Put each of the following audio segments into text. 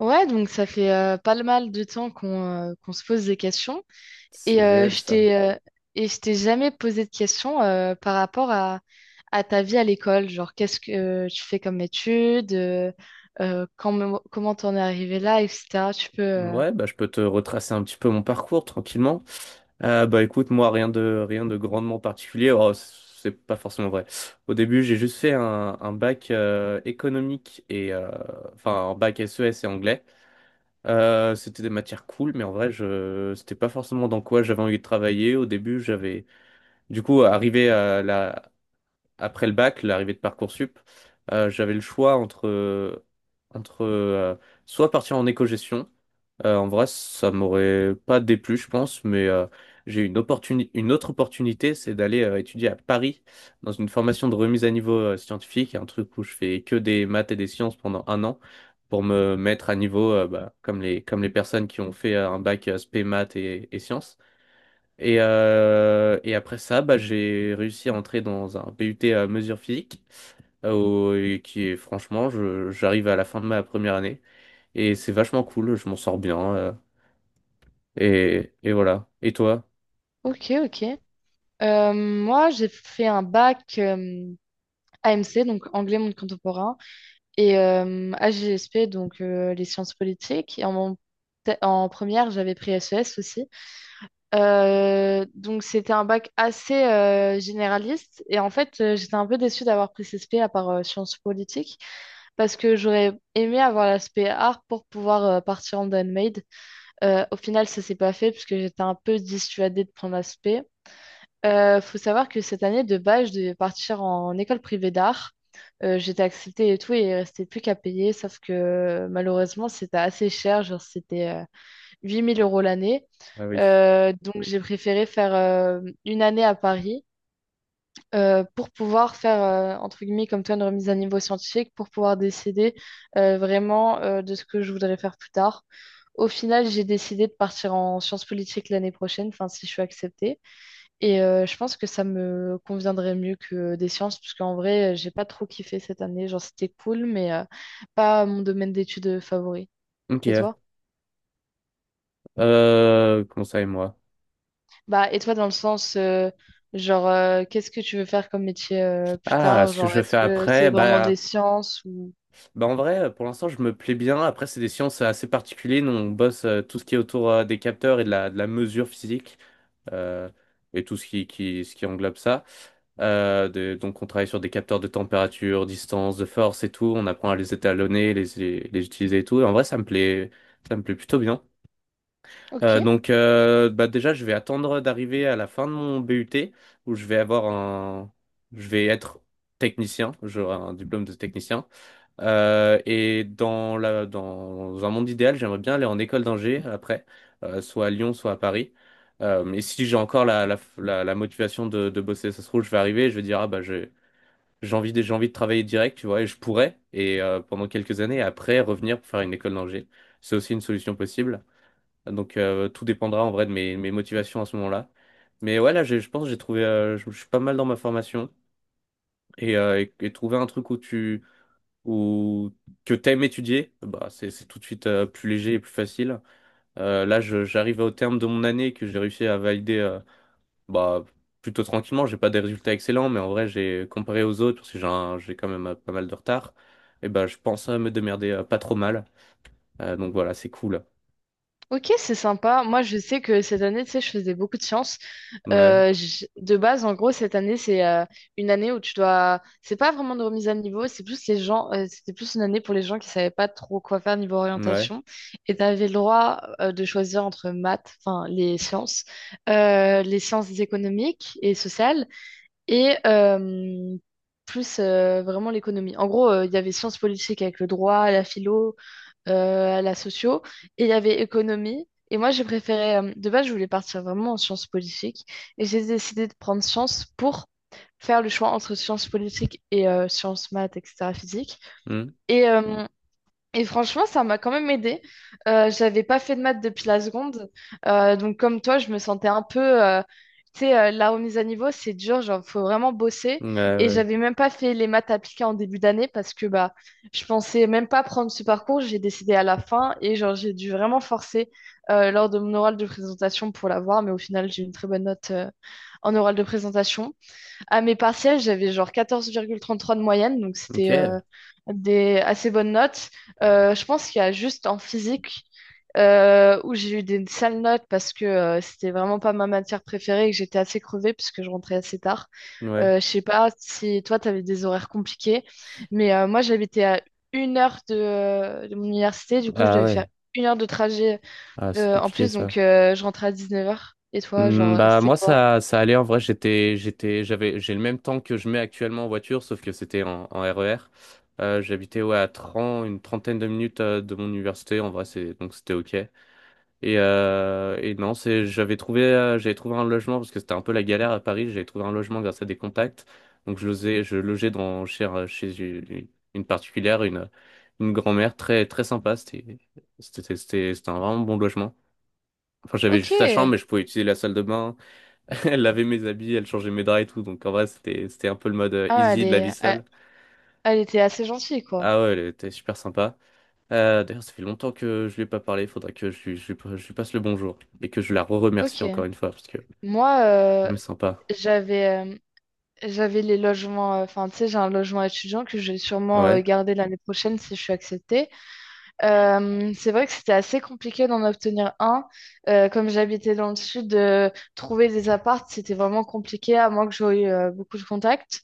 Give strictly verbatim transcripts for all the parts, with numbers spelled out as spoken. Ouais, donc ça fait euh, pas le mal de temps qu'on euh, qu'on se pose des questions. Et C'est euh, réel je ça. t'ai euh, et je t'ai jamais posé de questions euh, par rapport à, à ta vie à l'école. Genre, qu'est-ce que euh, tu fais comme études, euh, euh, quand- comment t'en es arrivé là, et cetera. Tu peux. euh, Ouais, bah, je peux te retracer un petit peu mon parcours tranquillement. Euh, bah écoute, moi rien de rien de grandement particulier. Oh, c'est pas forcément vrai. Au début, j'ai juste fait un, un bac euh, économique et euh, enfin un bac S E S et anglais. Euh, c'était des matières cool, mais en vrai, je c'était pas forcément dans quoi j'avais envie de travailler. Au début, j'avais du coup arrivé à la après le bac, l'arrivée de Parcoursup, euh, j'avais le choix entre entre euh, soit partir en éco-gestion. Euh, en vrai, ça m'aurait pas déplu, je pense, mais euh, j'ai eu une opportuni- une autre opportunité, c'est d'aller euh, étudier à Paris dans une formation de remise à niveau euh, scientifique, un truc où je fais que des maths et des sciences pendant un an pour me mettre à niveau, euh, bah, comme les, comme les personnes qui ont fait euh, un bac euh, spé maths et, et sciences. Et, euh, et après ça, bah, j'ai réussi à entrer dans un B U T à mesure physique, euh, au- et qui est franchement, je- j'arrive à la fin de ma première année. Et c'est vachement cool, je m'en sors bien. euh, et, et voilà. Et toi? Ok, ok. Euh, moi, j'ai fait un bac euh, A M C, donc anglais monde contemporain, et euh, A G S P, donc euh, les sciences politiques. Et en, mon- en première, j'avais pris S E S aussi. Euh, donc c'était un bac assez euh, généraliste, et en fait euh, j'étais un peu déçue d'avoir pris C S P à part euh, sciences politiques, parce que j'aurais aimé avoir l'aspect art pour pouvoir euh, partir en handmade. Euh, au final, ça s'est pas fait puisque j'étais un peu dissuadée de prendre l'aspect. Euh, faut savoir que cette année de base je devais partir en école privée d'art. Euh, j'étais acceptée et tout, et il restait plus qu'à payer, sauf que malheureusement c'était assez cher, genre c'était euh, huit mille euros l'année. Ah oui. Euh, donc j'ai préféré faire euh, une année à Paris euh, pour pouvoir faire, euh, entre guillemets, comme toi, une remise à niveau scientifique, pour pouvoir décider euh, vraiment euh, de ce que je voudrais faire plus tard. Au final, j'ai décidé de partir en sciences politiques l'année prochaine, enfin si je suis acceptée. Et euh, je pense que ça me conviendrait mieux que des sciences, parce qu'en vrai, euh, j'ai pas trop kiffé cette année. Genre, c'était cool, mais euh, pas mon domaine d'études favori. Et Ok. toi? Euh, comment ça et moi? Bah, et toi, dans le sens, euh, genre, euh, qu'est-ce que tu veux faire comme métier euh, plus Ah, tard? ce que Genre, je veux est-ce faire que après, c'est vraiment bah, des sciences ou... bah en vrai, pour l'instant, je me plais bien. Après, c'est des sciences assez particulières. Nous, on bosse euh, tout ce qui est autour euh, des capteurs et de la, de la mesure physique euh, et tout ce qui, qui, ce qui englobe ça. Euh, de- donc, on travaille sur des capteurs de température, distance, de force et tout. On apprend à les étalonner, les, les, les utiliser et tout. Et en vrai, ça me plaît, ça me plaît plutôt bien. Euh, Ok, donc euh, bah déjà je vais attendre d'arriver à la fin de mon B U T où je vais avoir un je vais être technicien, j'aurai un diplôme de technicien. Euh, et dans la dans un monde idéal, j'aimerais bien aller en école d'ingé après, euh, soit à Lyon, soit à Paris. Euh, et si j'ai encore la, la, la, la motivation de, de bosser, ça se trouve, je vais arriver et je vais dire ah bah j'ai j'ai envie de, j'ai envie de travailler direct, tu vois, et je pourrais, et euh, pendant quelques années, après revenir pour faire une école d'ingé. C'est aussi une solution possible. Donc euh, tout dépendra en vrai de mes, mes motivations à ce moment-là. Mais ouais, là, j'ai- je pense que j'ai trouvé, euh, je, je suis pas mal dans ma formation et, euh, et- et trouver un truc où tu, où que t'aimes étudier, bah c'est c'est tout de suite euh, plus léger et plus facile. Euh, là, je- j'arrive au terme de mon année que j'ai réussi à valider, euh, bah plutôt tranquillement. J'ai pas des résultats excellents, mais en vrai, j'ai comparé aux autres parce que j'ai un- j'ai quand même euh, pas mal de retard. Et bah, je pense euh, me démerder euh, pas trop mal. Euh, donc voilà, c'est cool. ok, c'est sympa. Moi, je sais que cette année, tu sais, je faisais beaucoup de sciences. Ouais, Euh, j- de base, en gros, cette année, c'est euh, une année où tu dois... C'est pas vraiment de remise à niveau, c'est plus les gens... euh, c'était plus une année pour les gens qui savaient pas trop quoi faire niveau ouais. orientation. Et tu avais le droit euh, de choisir entre maths, enfin, les sciences, euh, les sciences économiques et sociales, et euh, plus euh, vraiment l'économie. En gros, euh, il y avait sciences politiques avec le droit, la philo, euh, la socio, et il y avait économie. Et moi, j'ai préféré, euh, de base, je voulais partir vraiment en sciences politiques, et j'ai décidé de prendre sciences pour faire le choix entre sciences politiques et euh, sciences maths, et cetera, physique. Hmm, Et euh, et franchement, ça m'a quand même aidé. Euh, j'avais pas fait de maths depuis la seconde. Euh, donc, comme toi, je me sentais un peu. euh, tu sais, euh, la remise à niveau, c'est dur, genre, faut vraiment bosser. ouais, Et ouais. j'avais même pas fait les maths appliquées en début d'année parce que bah, je pensais même pas prendre ce parcours. J'ai décidé à la fin et genre, j'ai dû vraiment forcer euh, lors de mon oral de présentation pour l'avoir. Mais au final, j'ai eu une très bonne note euh, en oral de présentation. À mes partiels, j'avais genre quatorze virgule trente-trois de moyenne, donc Ok, c'était euh, des assez bonnes notes. Euh, je pense qu'il y a juste en physique euh, où j'ai eu des sales notes parce que euh, c'était vraiment pas ma matière préférée et que j'étais assez crevée puisque je rentrais assez tard. ouais. Euh, je sais pas si toi, tu avais des horaires compliqués, mais euh, moi, j'habitais à une heure de, de mon université, du coup, je Ah devais faire ouais, une heure de trajet ah, c'est euh, en compliqué plus, ça. donc euh, je rentrais à dix-neuf heures. Et toi, Hmm, genre, bah c'était moi quoi? ça ça allait en vrai j'étais j'étais j'avais j'ai le même temps que je mets actuellement en voiture sauf que c'était en, en R E R. Euh, j'habitais ouais à trente, une trentaine de minutes euh, de mon université en vrai c'est donc c'était ok. Et, euh, et non, c'est, j'avais trouvé, euh, j'avais trouvé un logement parce que c'était un peu la galère à Paris. J'avais trouvé un logement grâce à des contacts. Donc je logais, je logeais dans, chez, un- chez une, une particulière, une, une grand-mère très, très sympa. C'était, c'était, c'était, c'était un vraiment bon logement. Enfin, j'avais Ok. juste la chambre, mais je pouvais utiliser la salle de bain. Elle lavait mes habits, elle changeait mes draps et tout. Donc en vrai, c'était, c'était un peu le mode euh, Ah, elle easy de la vie est, elle seule. Elle était assez gentille, quoi. Ah ouais, elle était super sympa. Euh, d'ailleurs, ça fait longtemps que je lui ai pas parlé. Il faudra que je lui, je lui je lui passe le bonjour et que je la re-remercie Ok. encore une fois parce que... Moi, euh, Hmm, sympa. j'avais euh, j'avais les logements. euh, Enfin, tu sais, j'ai un logement étudiant que je vais sûrement euh, Ouais. garder l'année prochaine si je suis acceptée. Euh, c'est vrai que c'était assez compliqué d'en obtenir un. Euh, comme j'habitais dans le sud, euh, trouver des apparts, c'était vraiment compliqué, à moins que j'aie eu euh, beaucoup de contacts.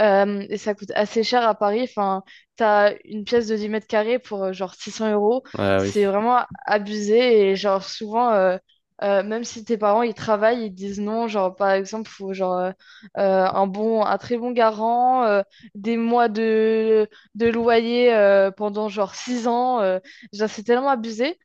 Euh, et ça coûte assez cher à Paris. Enfin, t'as une pièce de dix mètres carrés pour euh, genre six cents euros. Ah C'est oui. vraiment abusé. Et genre, souvent, euh, euh, même si tes parents ils travaillent, ils disent non. Genre, par exemple, faut genre euh, euh, un bon, un très bon garant, euh, des mois de, de loyer euh, pendant genre six ans. euh, genre, c'est tellement abusé.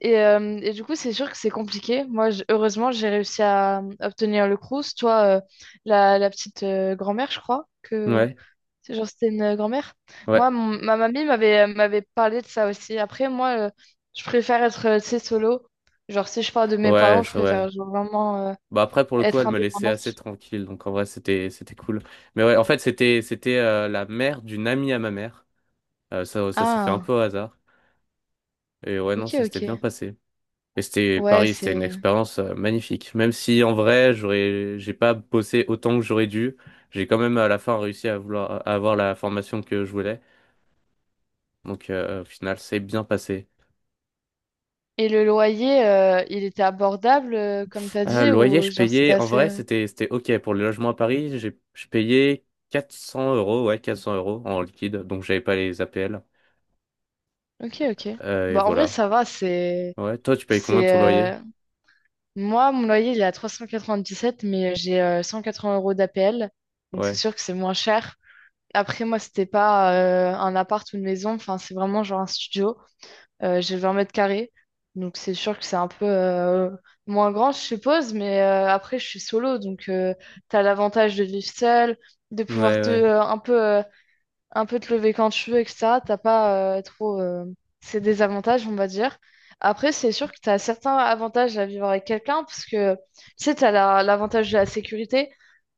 Et, euh, et du coup, c'est sûr que c'est compliqué. Moi, j- heureusement, j'ai réussi à euh, obtenir le Crous. Toi, euh, la, la petite euh, grand-mère, je crois que. Ouais. C'est genre, c'était une euh, grand-mère. Ouais. Moi, mon- ma mamie m'avait euh, m'avait parlé de ça aussi. Après, moi, euh, je préfère être, euh, tu sais, solo. Genre, si je parle de mes Ouais, parents, je ça, ouais. préfère genre, vraiment euh, Bah après, pour le coup, elle être me laissait assez indépendante. tranquille. Donc en vrai, c'était c'était cool. Mais ouais, en fait, c'était c'était euh, la mère d'une amie à ma mère. Euh, ça ça s'est fait un peu Ah, au hasard. Et ouais, ok, non, ça s'était bien ok. passé. Et c'était Ouais, Paris, c'était une c'est... expérience euh, magnifique. Même si en vrai, j'aurais j'ai pas bossé autant que j'aurais dû, j'ai quand même à la fin réussi à vouloir à avoir la formation que je voulais. Donc euh, au final, c'est bien passé. Et le loyer, euh, il était abordable, euh, comme t'as Euh, dit, loyer, ou je genre, c'était payais, en assez... vrai, euh, c'était, c'était OK. Pour le logement à Paris, j'ai, je payais quatre cents euros, ouais, quatre cents euros en liquide, donc j'avais pas les A P L. Ok, ok. Euh, et Bah, en vrai, voilà. ça va, c'est... Ouais, toi, tu payes combien C'est... ton loyer? euh, Moi, mon loyer, il est à trois cent quatre-vingt-dix-sept, mais j'ai euh, cent quatre-vingts euros d'A P L. Donc, c'est Ouais, sûr que c'est moins cher. Après, moi, c'était pas euh, un appart ou une maison. Enfin, c'est vraiment genre un studio. Euh, j'ai vingt mètres carrés. Donc, c'est sûr que c'est un peu euh, moins grand, je suppose. Mais euh, après, je suis solo. Donc, tu as l'avantage de vivre seul, de ouais, pouvoir te, ouais, euh, un peu euh, un peu te lever quand tu veux, et cetera. T'as pas euh, trop euh, ces désavantages, on va dire. Après, c'est sûr que tu as certains avantages à vivre avec quelqu'un, parce que tu sais, tu as l'avantage de la sécurité.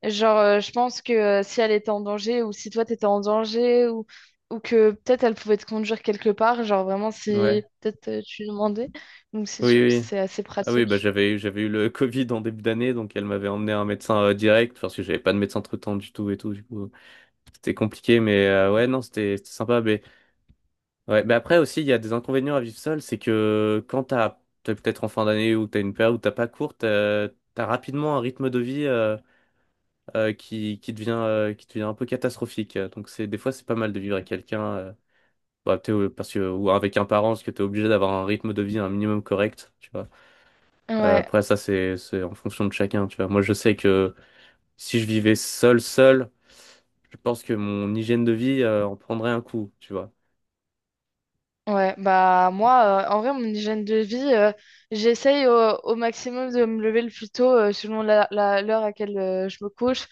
Genre, euh, je pense que euh, si elle était en danger, ou si toi t'étais en danger, ou, ou que peut-être elle pouvait te conduire quelque part, genre vraiment ouais. si peut-être euh, tu lui demandais. Donc, c'est Oui, sûr que oui. c'est assez Ah oui, bah pratique. j'avais eu, j'avais eu le Covid en début d'année, donc elle m'avait emmené un médecin euh, direct. Enfin, parce que j'avais pas de médecin traitant du tout et tout, du coup, c'était compliqué, mais euh, ouais, non, c'était, c'était sympa. Mais ouais, mais après aussi, il y a des inconvénients à vivre seul, c'est que quand t'as, t'es peut-être en fin d'année ou t'as une période où t'as pas cours, t'as, t'as rapidement un rythme de vie euh, euh, qui, qui devient, euh, qui devient un peu catastrophique. Donc c'est, des fois, c'est pas mal de vivre avec quelqu'un, euh, bah, t'es- euh, parce que, ou avec un parent, parce que t'es obligé d'avoir un rythme de vie un minimum correct, tu vois. Euh, Ouais, après, ça, c'est, c'est en fonction de chacun, tu vois. Moi, je sais que si je vivais seul, seul, je pense que mon hygiène de vie euh, en prendrait un coup, tu vois. ouais, bah moi, euh, en vrai, mon hygiène de vie, euh, j'essaye au, au maximum de me lever le plus tôt euh, selon la, la- l'heure à laquelle euh, je me couche.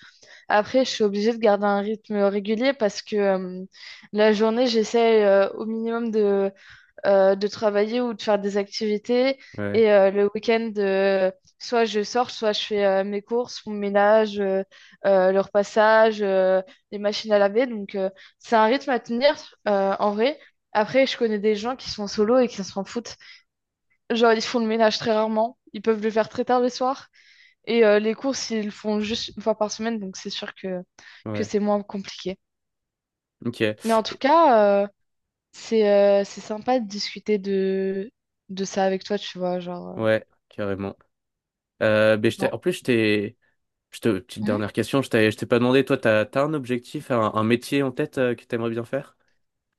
Après, je suis obligée de garder un rythme régulier, parce que euh, la journée, j'essaye euh, au minimum de euh, de travailler ou de faire des activités. Ouais, Et euh, le week-end, euh, soit je sors, soit je fais euh, mes courses, mon ménage, euh, euh, le repassage, euh, les machines à laver. Donc, euh, c'est un rythme à tenir euh, en vrai. Après, je connais des gens qui sont solo et qui s'en foutent. Genre, ils font le ménage très rarement. Ils peuvent le faire très tard le soir. Et euh, les courses, ils le font juste une fois par semaine. Donc, c'est sûr que, que ouais. c'est moins compliqué. Ok. Mais en tout cas, euh, c'est euh, c'est sympa de discuter de, de ça avec toi, tu vois, genre... euh, Ouais, carrément. Euh, ben, je t'ai- genre, en plus, je t'ai, je te, petite Hmm. dernière question, je t'ai, je t'ai pas demandé, toi, t'as, t'as un objectif, un, un métier en tête euh, que t'aimerais bien faire?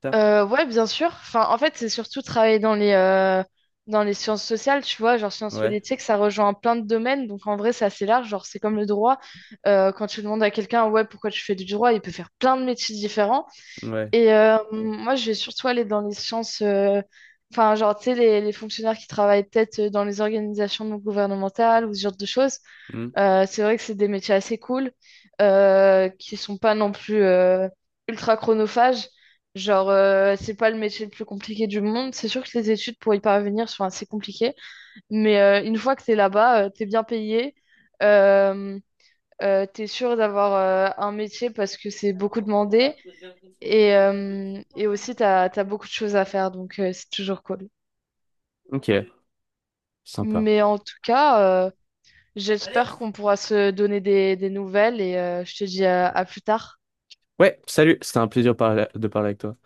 Plus tard? Euh, ouais, bien sûr. Enfin, en fait, c'est surtout travailler dans les, euh, dans les sciences sociales, tu vois, genre sciences Ouais, politiques, ça rejoint plein de domaines, donc en vrai, c'est assez large, genre c'est comme le droit. Euh, quand tu demandes à quelqu'un, ouais, pourquoi tu fais du droit, il peut faire plein de métiers différents. ouais. Et euh, moi, je vais surtout aller dans les sciences... euh, Enfin, genre, tu sais, les, les fonctionnaires qui travaillent peut-être dans les organisations non gouvernementales ou ce genre de choses. Hmm. Euh, c'est vrai que c'est des métiers assez cool, euh, qui sont pas non plus euh, ultra chronophages. Genre, euh, c'est pas le métier le plus compliqué du monde. C'est sûr que les études pour y parvenir sont assez compliquées, mais euh, une fois que t'es là-bas, euh, t'es bien payé, euh, euh, t'es sûr d'avoir euh, un métier parce que c'est beaucoup demandé, et, euh, et aussi t'as, t'as beaucoup de choses à faire, donc euh, c'est toujours cool. Ok, sympa. Mais en tout cas, euh, j'espère qu'on pourra se donner des, des nouvelles, et euh, je te dis à à plus tard. Ouais, salut, c'était un plaisir parla- de parler avec toi.